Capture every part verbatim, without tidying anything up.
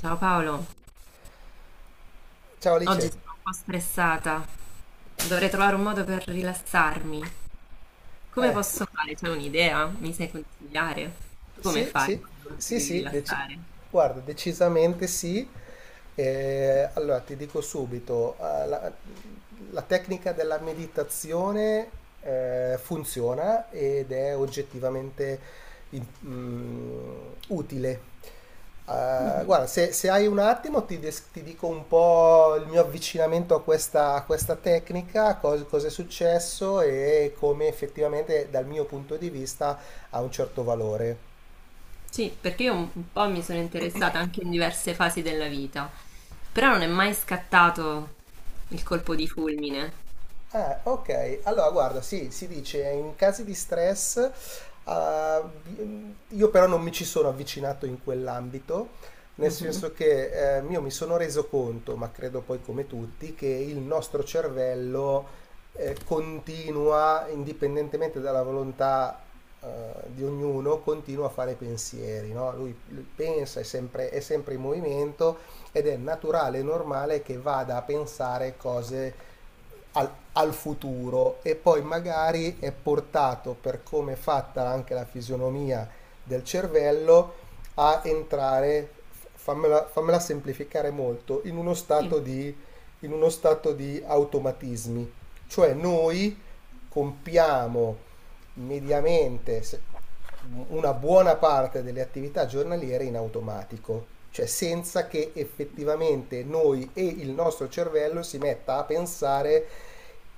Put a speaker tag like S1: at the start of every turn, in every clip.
S1: Ciao Paolo,
S2: Ciao
S1: oggi
S2: Alice.
S1: sono un po' stressata. Dovrei trovare un modo per rilassarmi. Come
S2: Eh,
S1: posso fare? C'è un'idea? Mi sai consigliare? Tu come
S2: sì,
S1: fai
S2: sì,
S1: quando ti
S2: sì,
S1: devi
S2: sì, deci-
S1: rilassare?
S2: guarda, decisamente sì. Eh, allora ti dico subito, eh, la- la tecnica della meditazione eh, funziona ed è oggettivamente in- mm, utile. Eh,
S1: Mhm.
S2: guarda, se, se hai un attimo ti, des- ti dico un po' il mio avvicinamento a questa, a questa tecnica, cos- cosa è successo e come effettivamente dal mio punto di vista ha un certo valore.
S1: Sì, perché io un un po' mi sono interessata anche in diverse fasi della vita, però non è mai scattato il colpo di fulmine.
S2: Ah, ok. Allora, guarda, sì, si dice in casi di stress, ah, vi- io però non mi ci sono avvicinato in quell'ambito, nel
S1: Mhm.
S2: senso che eh, io mi sono reso conto, ma credo poi come tutti, che il nostro cervello eh, continua, indipendentemente dalla volontà eh, di ognuno, continua a fare pensieri, no? Lui, lui pensa, è sempre, è sempre in movimento ed è naturale e normale che vada a pensare cose al, al futuro e poi magari è portato per come è fatta anche la fisionomia del cervello a entrare, fammela, fammela semplificare molto, in uno
S1: Sì,
S2: stato di, in uno stato di automatismi. Cioè noi compiamo mediamente, se- una buona parte delle attività giornaliere in automatico, cioè senza che effettivamente noi e il nostro cervello si metta a pensare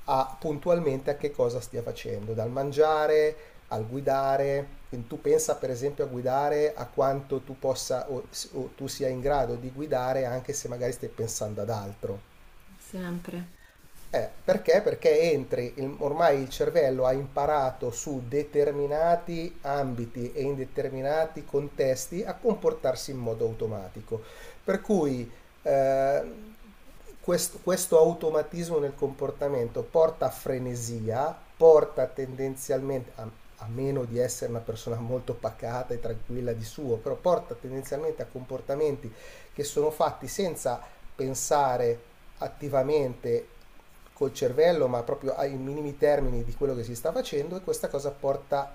S2: a, puntualmente a che cosa stia facendo, dal mangiare al guidare. Quindi tu pensa per esempio a guidare a quanto tu possa o, o tu sia in grado di guidare anche se magari stai pensando ad altro.
S1: sempre.
S2: Eh, perché? Perché entri, il- ormai il cervello ha imparato su determinati ambiti e in determinati contesti a comportarsi in modo automatico. Per cui eh, quest- questo automatismo nel comportamento porta a frenesia, porta tendenzialmente, a, a meno di essere una persona molto pacata e tranquilla di suo, però porta tendenzialmente a comportamenti che sono fatti senza pensare attivamente col cervello, ma proprio ai minimi termini di quello che si sta facendo e questa cosa porta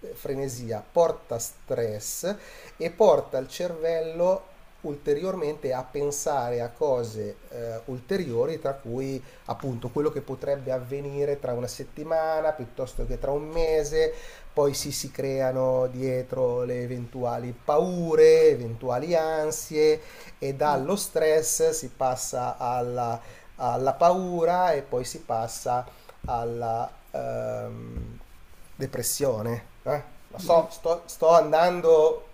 S2: eh, frenesia, porta stress e porta il cervello ulteriormente a pensare a cose eh, ulteriori, tra cui appunto quello che potrebbe avvenire tra una settimana piuttosto che tra un mese, poi si, si creano dietro le eventuali paure, eventuali ansie, e
S1: Mm,
S2: dallo stress si passa alla, alla paura e poi si passa alla ehm, depressione. eh. Lo
S1: mm,
S2: so,
S1: mm.
S2: sto, sto andando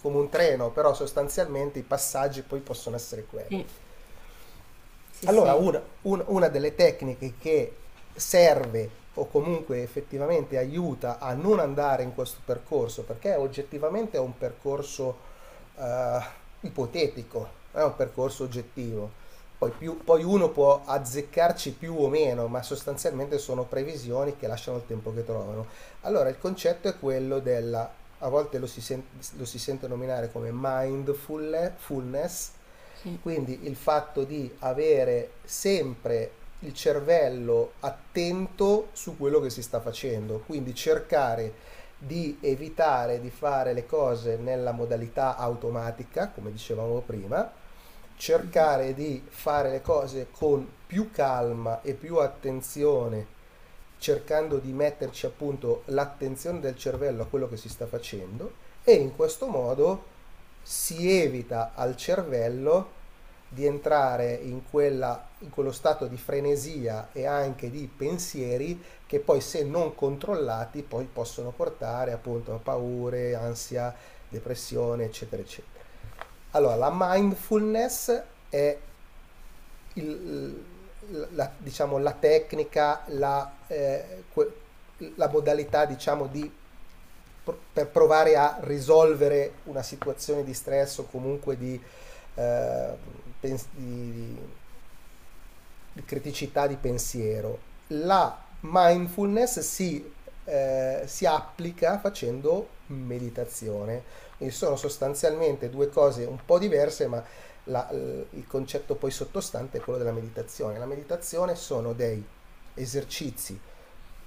S2: come un treno, però sostanzialmente i passaggi poi possono essere quelli.
S1: Sì, sì,
S2: Allora,
S1: sì,
S2: una, un- una delle tecniche che serve o comunque effettivamente aiuta a non andare in questo percorso, perché oggettivamente è un percorso eh, ipotetico, non è un percorso oggettivo. Poi, più- poi uno può azzeccarci più o meno, ma sostanzialmente sono previsioni che lasciano il tempo che trovano. Allora, il concetto è quello della, a volte lo si, sen- lo si sente nominare come mindfulness,
S1: sì.
S2: quindi il fatto di avere sempre il cervello attento su quello che si sta facendo, quindi cercare di evitare di fare le cose nella modalità automatica, come dicevamo prima,
S1: Mhm,
S2: cercare di fare le cose con più calma e più attenzione cercando di metterci appunto l'attenzione del cervello a quello che si sta facendo e in questo modo si evita al cervello di entrare in, quella, in quello stato di frenesia e anche di pensieri che poi se non controllati poi possono portare appunto a paure, ansia, depressione eccetera eccetera. Allora la mindfulness è il- la, diciamo, la tecnica, la, eh, que- la modalità diciamo, di, per provare a risolvere una situazione di stress o comunque di, eh, pens- di- di- criticità di pensiero, la mindfulness si, eh, si applica facendo meditazione. Quindi sono sostanzialmente due cose un po' diverse, ma la- l- il concetto poi sottostante è quello della meditazione. La meditazione sono dei esercizi,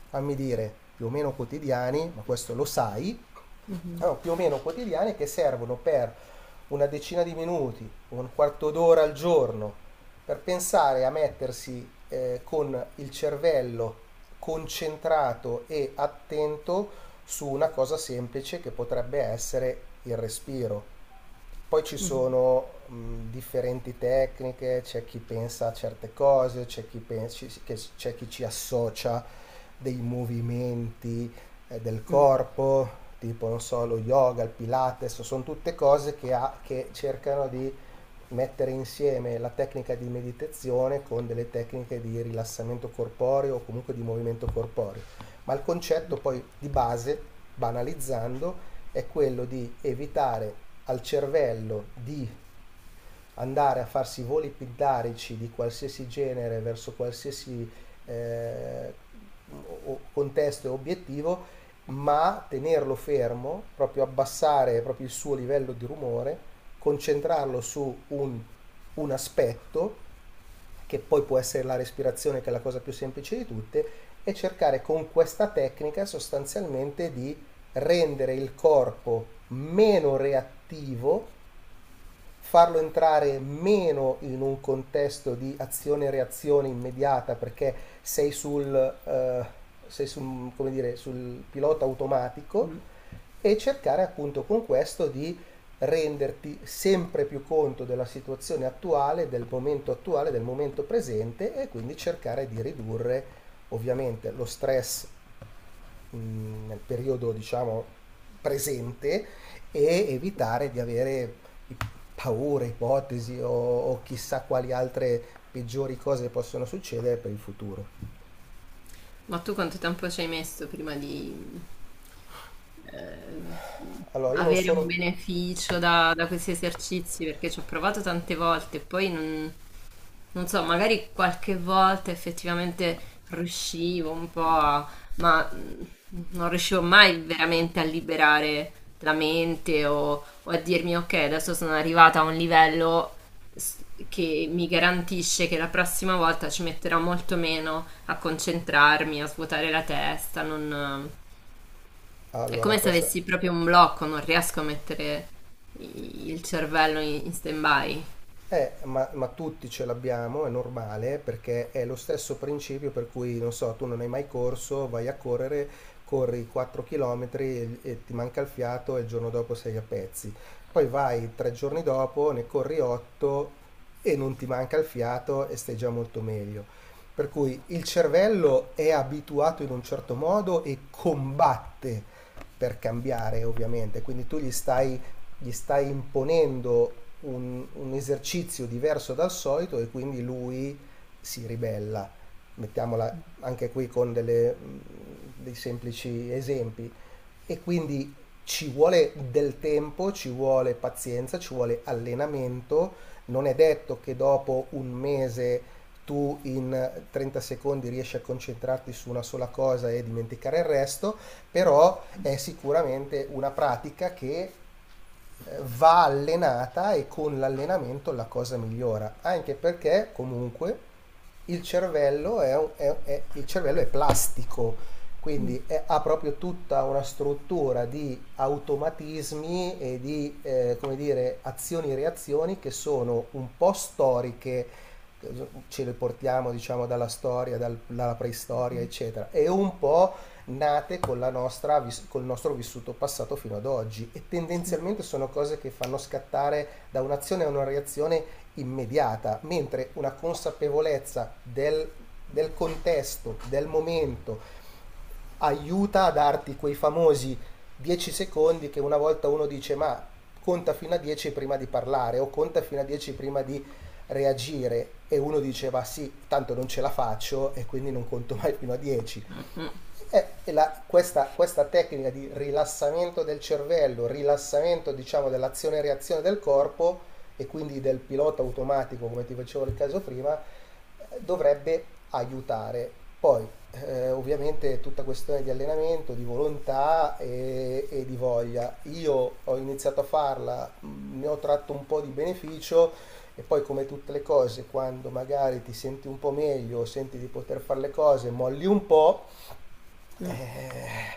S2: fammi dire, più o meno quotidiani, ma questo lo sai,
S1: mhm,
S2: allora, più o meno quotidiane che servono per una decina di minuti, un quarto d'ora al giorno, per pensare a mettersi eh, con il cervello concentrato e attento su una cosa semplice che potrebbe essere il respiro. Poi ci
S1: mhm,
S2: sono mh, differenti tecniche, c'è chi pensa a certe cose, c'è chi, pensi- che- c'è chi ci associa dei movimenti eh, del
S1: mm,
S2: corpo, tipo non so, lo yoga, il pilates, sono tutte cose che, ha- che cercano di mettere insieme la tecnica di meditazione con delle tecniche di rilassamento corporeo o comunque di movimento corporeo. Ma il concetto poi di base, banalizzando, è quello di evitare al cervello di andare a farsi voli pindarici di qualsiasi genere verso qualsiasi eh, o- contesto e obiettivo, ma tenerlo fermo, proprio abbassare proprio il suo livello di rumore, concentrarlo su un, un aspetto che poi può essere la respirazione che è la cosa più semplice di tutte, e cercare con questa tecnica sostanzialmente di rendere il corpo meno reattivo farlo entrare meno in un contesto di azione-reazione immediata perché sei sul, eh, sei sul, come dire, sul pilota automatico
S1: mm.
S2: e cercare appunto con questo di renderti sempre più conto della situazione attuale, del momento attuale, del momento presente e quindi cercare di ridurre ovviamente lo stress mh, nel periodo diciamo presente e evitare di avere i- paure, ipotesi o, o chissà quali altre peggiori cose possono succedere per il futuro.
S1: Ma tu quanto tempo ci hai messo prima di eh,
S2: Allora, io non
S1: avere un
S2: sono...
S1: beneficio da, da questi esercizi? Perché ci ho provato tante volte e poi non, non so, magari qualche volta effettivamente riuscivo un po' a, ma mm, non riuscivo mai veramente a liberare la mente o, o a dirmi ok, adesso sono arrivata a un livello s- che mi garantisce che la prossima volta ci metterò molto meno a concentrarmi, a svuotare la testa, non- è
S2: Allora,
S1: come se
S2: questa.
S1: avessi proprio un blocco, non riesco a mettere i- il cervello in, in stand-by.
S2: Eh, ma, ma tutti ce l'abbiamo, è normale, perché è lo stesso principio per cui, non so, tu non hai mai corso, vai a correre, corri quattro chilometri e e ti manca il fiato e il giorno dopo sei a pezzi. Poi vai tre giorni dopo, ne corri otto e non ti manca il fiato e stai già molto meglio. Per cui il cervello è abituato in un certo modo e combatte per cambiare, ovviamente. Quindi tu gli stai gli stai imponendo un, un esercizio diverso dal solito e quindi lui si ribella. Mettiamola anche qui con delle, mm, dei semplici esempi. E quindi ci vuole del tempo, ci vuole pazienza, ci vuole allenamento. Non è detto che dopo un mese tu in trenta secondi riesci a concentrarti su una sola cosa e dimenticare il resto, però è sicuramente una pratica che eh, va allenata e con l'allenamento la cosa migliora, anche perché comunque il cervello è, un- è- è- il cervello è plastico,
S1: Mm.
S2: quindi è- ha proprio tutta una struttura di automatismi e di eh, come dire, azioni e reazioni che sono un po' storiche, ce le portiamo diciamo dalla storia, dal- dalla preistoria, eccetera, e un po' nate con la nostra, vis- col nostro vissuto passato fino ad oggi e
S1: Sì.
S2: tendenzialmente sono cose che fanno scattare da un'azione a una reazione immediata, mentre una consapevolezza del, del contesto, del momento, aiuta a darti quei famosi dieci secondi che una volta uno dice ma conta fino a dieci prima di parlare o conta fino a dieci prima di reagire e uno dice ma sì, tanto non ce la faccio e quindi non conto mai fino a dieci
S1: Mm-mm.
S2: e la- questa, questa tecnica di rilassamento del cervello, rilassamento diciamo dell'azione e reazione del corpo e quindi del pilota automatico, come ti facevo nel caso prima, eh, dovrebbe aiutare. Poi, eh, ovviamente, è tutta questione di allenamento, di volontà e, e di voglia. Io ho iniziato a farla, mh, ne ho tratto un po' di beneficio e poi, come tutte le cose, quando magari ti senti un po' meglio, senti di poter fare le cose, molli un po'
S1: Mm.
S2: eh,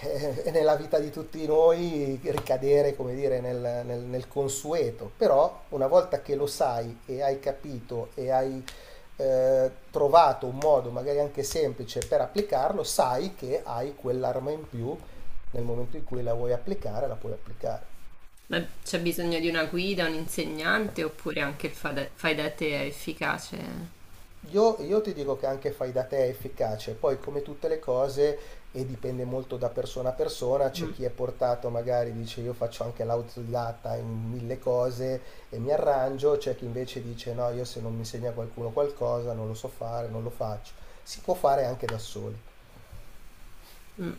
S2: eh, nella vita di tutti noi ricadere, come dire, nel, nel- nel consueto, però una volta che lo sai e hai capito e hai eh, trovato un modo magari anche semplice per applicarlo, sai che hai quell'arma in più nel momento in cui la vuoi applicare, la puoi applicare.
S1: Ma c'è bisogno di una guida, un insegnante oppure anche il fade- fai da te è efficace?
S2: Io, io ti dico che anche fai da te è efficace, poi come tutte le cose, e dipende molto da persona a persona, c'è
S1: Mm,
S2: chi è portato magari dice io faccio anche l'autodidatta in mille cose e mi arrangio, c'è chi invece dice no, io se non mi insegna qualcuno qualcosa non lo so fare, non lo faccio. Si può fare anche da soli.
S1: mm.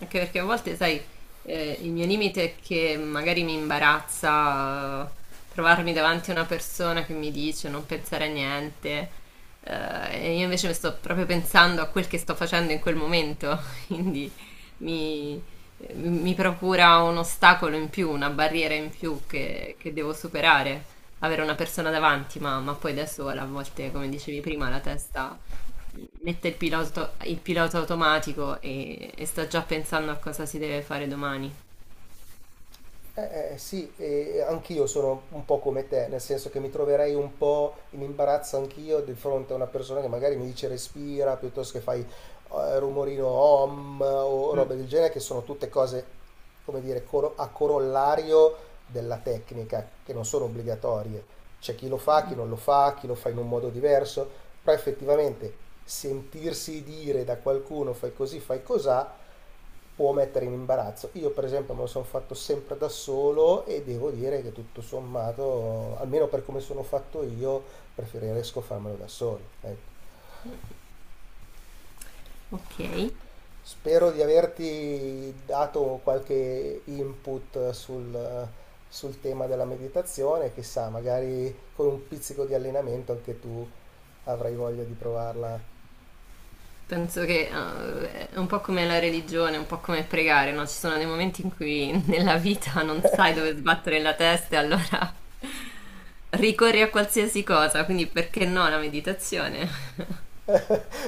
S1: Anche perché a volte, sai, eh, il mio limite è che magari mi imbarazza eh, trovarmi davanti a una persona che mi dice non pensare a niente, eh, e io invece mi sto proprio pensando a quel che sto facendo in quel momento, quindi mi, mi procura un ostacolo in più, una barriera in più che, che devo superare. Avere una persona davanti, ma, ma poi da sola, a volte, come dicevi prima, la testa mette il pilota, il pilota automatico e, e sta già pensando a cosa si deve fare domani.
S2: Eh, eh, sì, e anch'io sono un po' come te, nel senso che mi troverei un po' in imbarazzo anch'io di fronte a una persona che magari mi dice respira piuttosto che fai eh, rumorino om o
S1: Mm.
S2: robe del genere, che sono tutte cose, come dire, coro- a corollario della tecnica, che non sono obbligatorie. C'è chi lo fa, chi non lo fa, chi lo fa in un modo diverso, però effettivamente sentirsi dire da qualcuno fai così, fai cosà può mettere in imbarazzo. Io per esempio me lo sono fatto sempre da solo e devo dire che tutto sommato, almeno per come sono fatto io, preferisco farmelo da solo. Ecco.
S1: Ok,
S2: Spero di averti dato qualche input sul, sul tema della meditazione, chissà, magari con un pizzico di allenamento anche tu avrai voglia di provarla.
S1: penso che eh, è un po' come la religione, un po' come pregare, no? Ci sono dei momenti in cui nella vita non sai dove sbattere la testa e allora ricorri a qualsiasi cosa, quindi perché no la meditazione?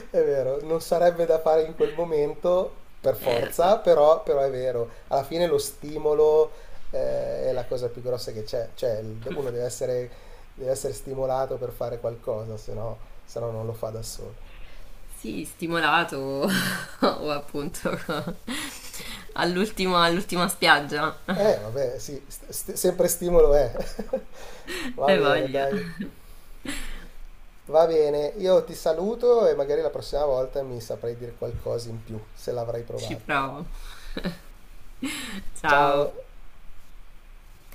S2: È vero, non sarebbe da fare in quel momento per
S1: Eh, lo so.
S2: forza, però, però è vero, alla fine lo stimolo eh, è la cosa più grossa che c'è, cioè il-
S1: Mm.
S2: uno deve essere, deve essere stimolato per fare qualcosa, se no, se no non lo fa da solo.
S1: Sì, stimolato o appunto all'ultimo- all'ultima spiaggia.
S2: Eh, vabbè, sì, st- st- sempre stimolo è. Va
S1: Hai
S2: bene,
S1: voglia.
S2: dai. Va bene, io ti saluto e magari la prossima volta mi saprai dire qualcosa in più, se l'avrai
S1: Ci
S2: provato.
S1: provo.
S2: Ciao.
S1: Ciao.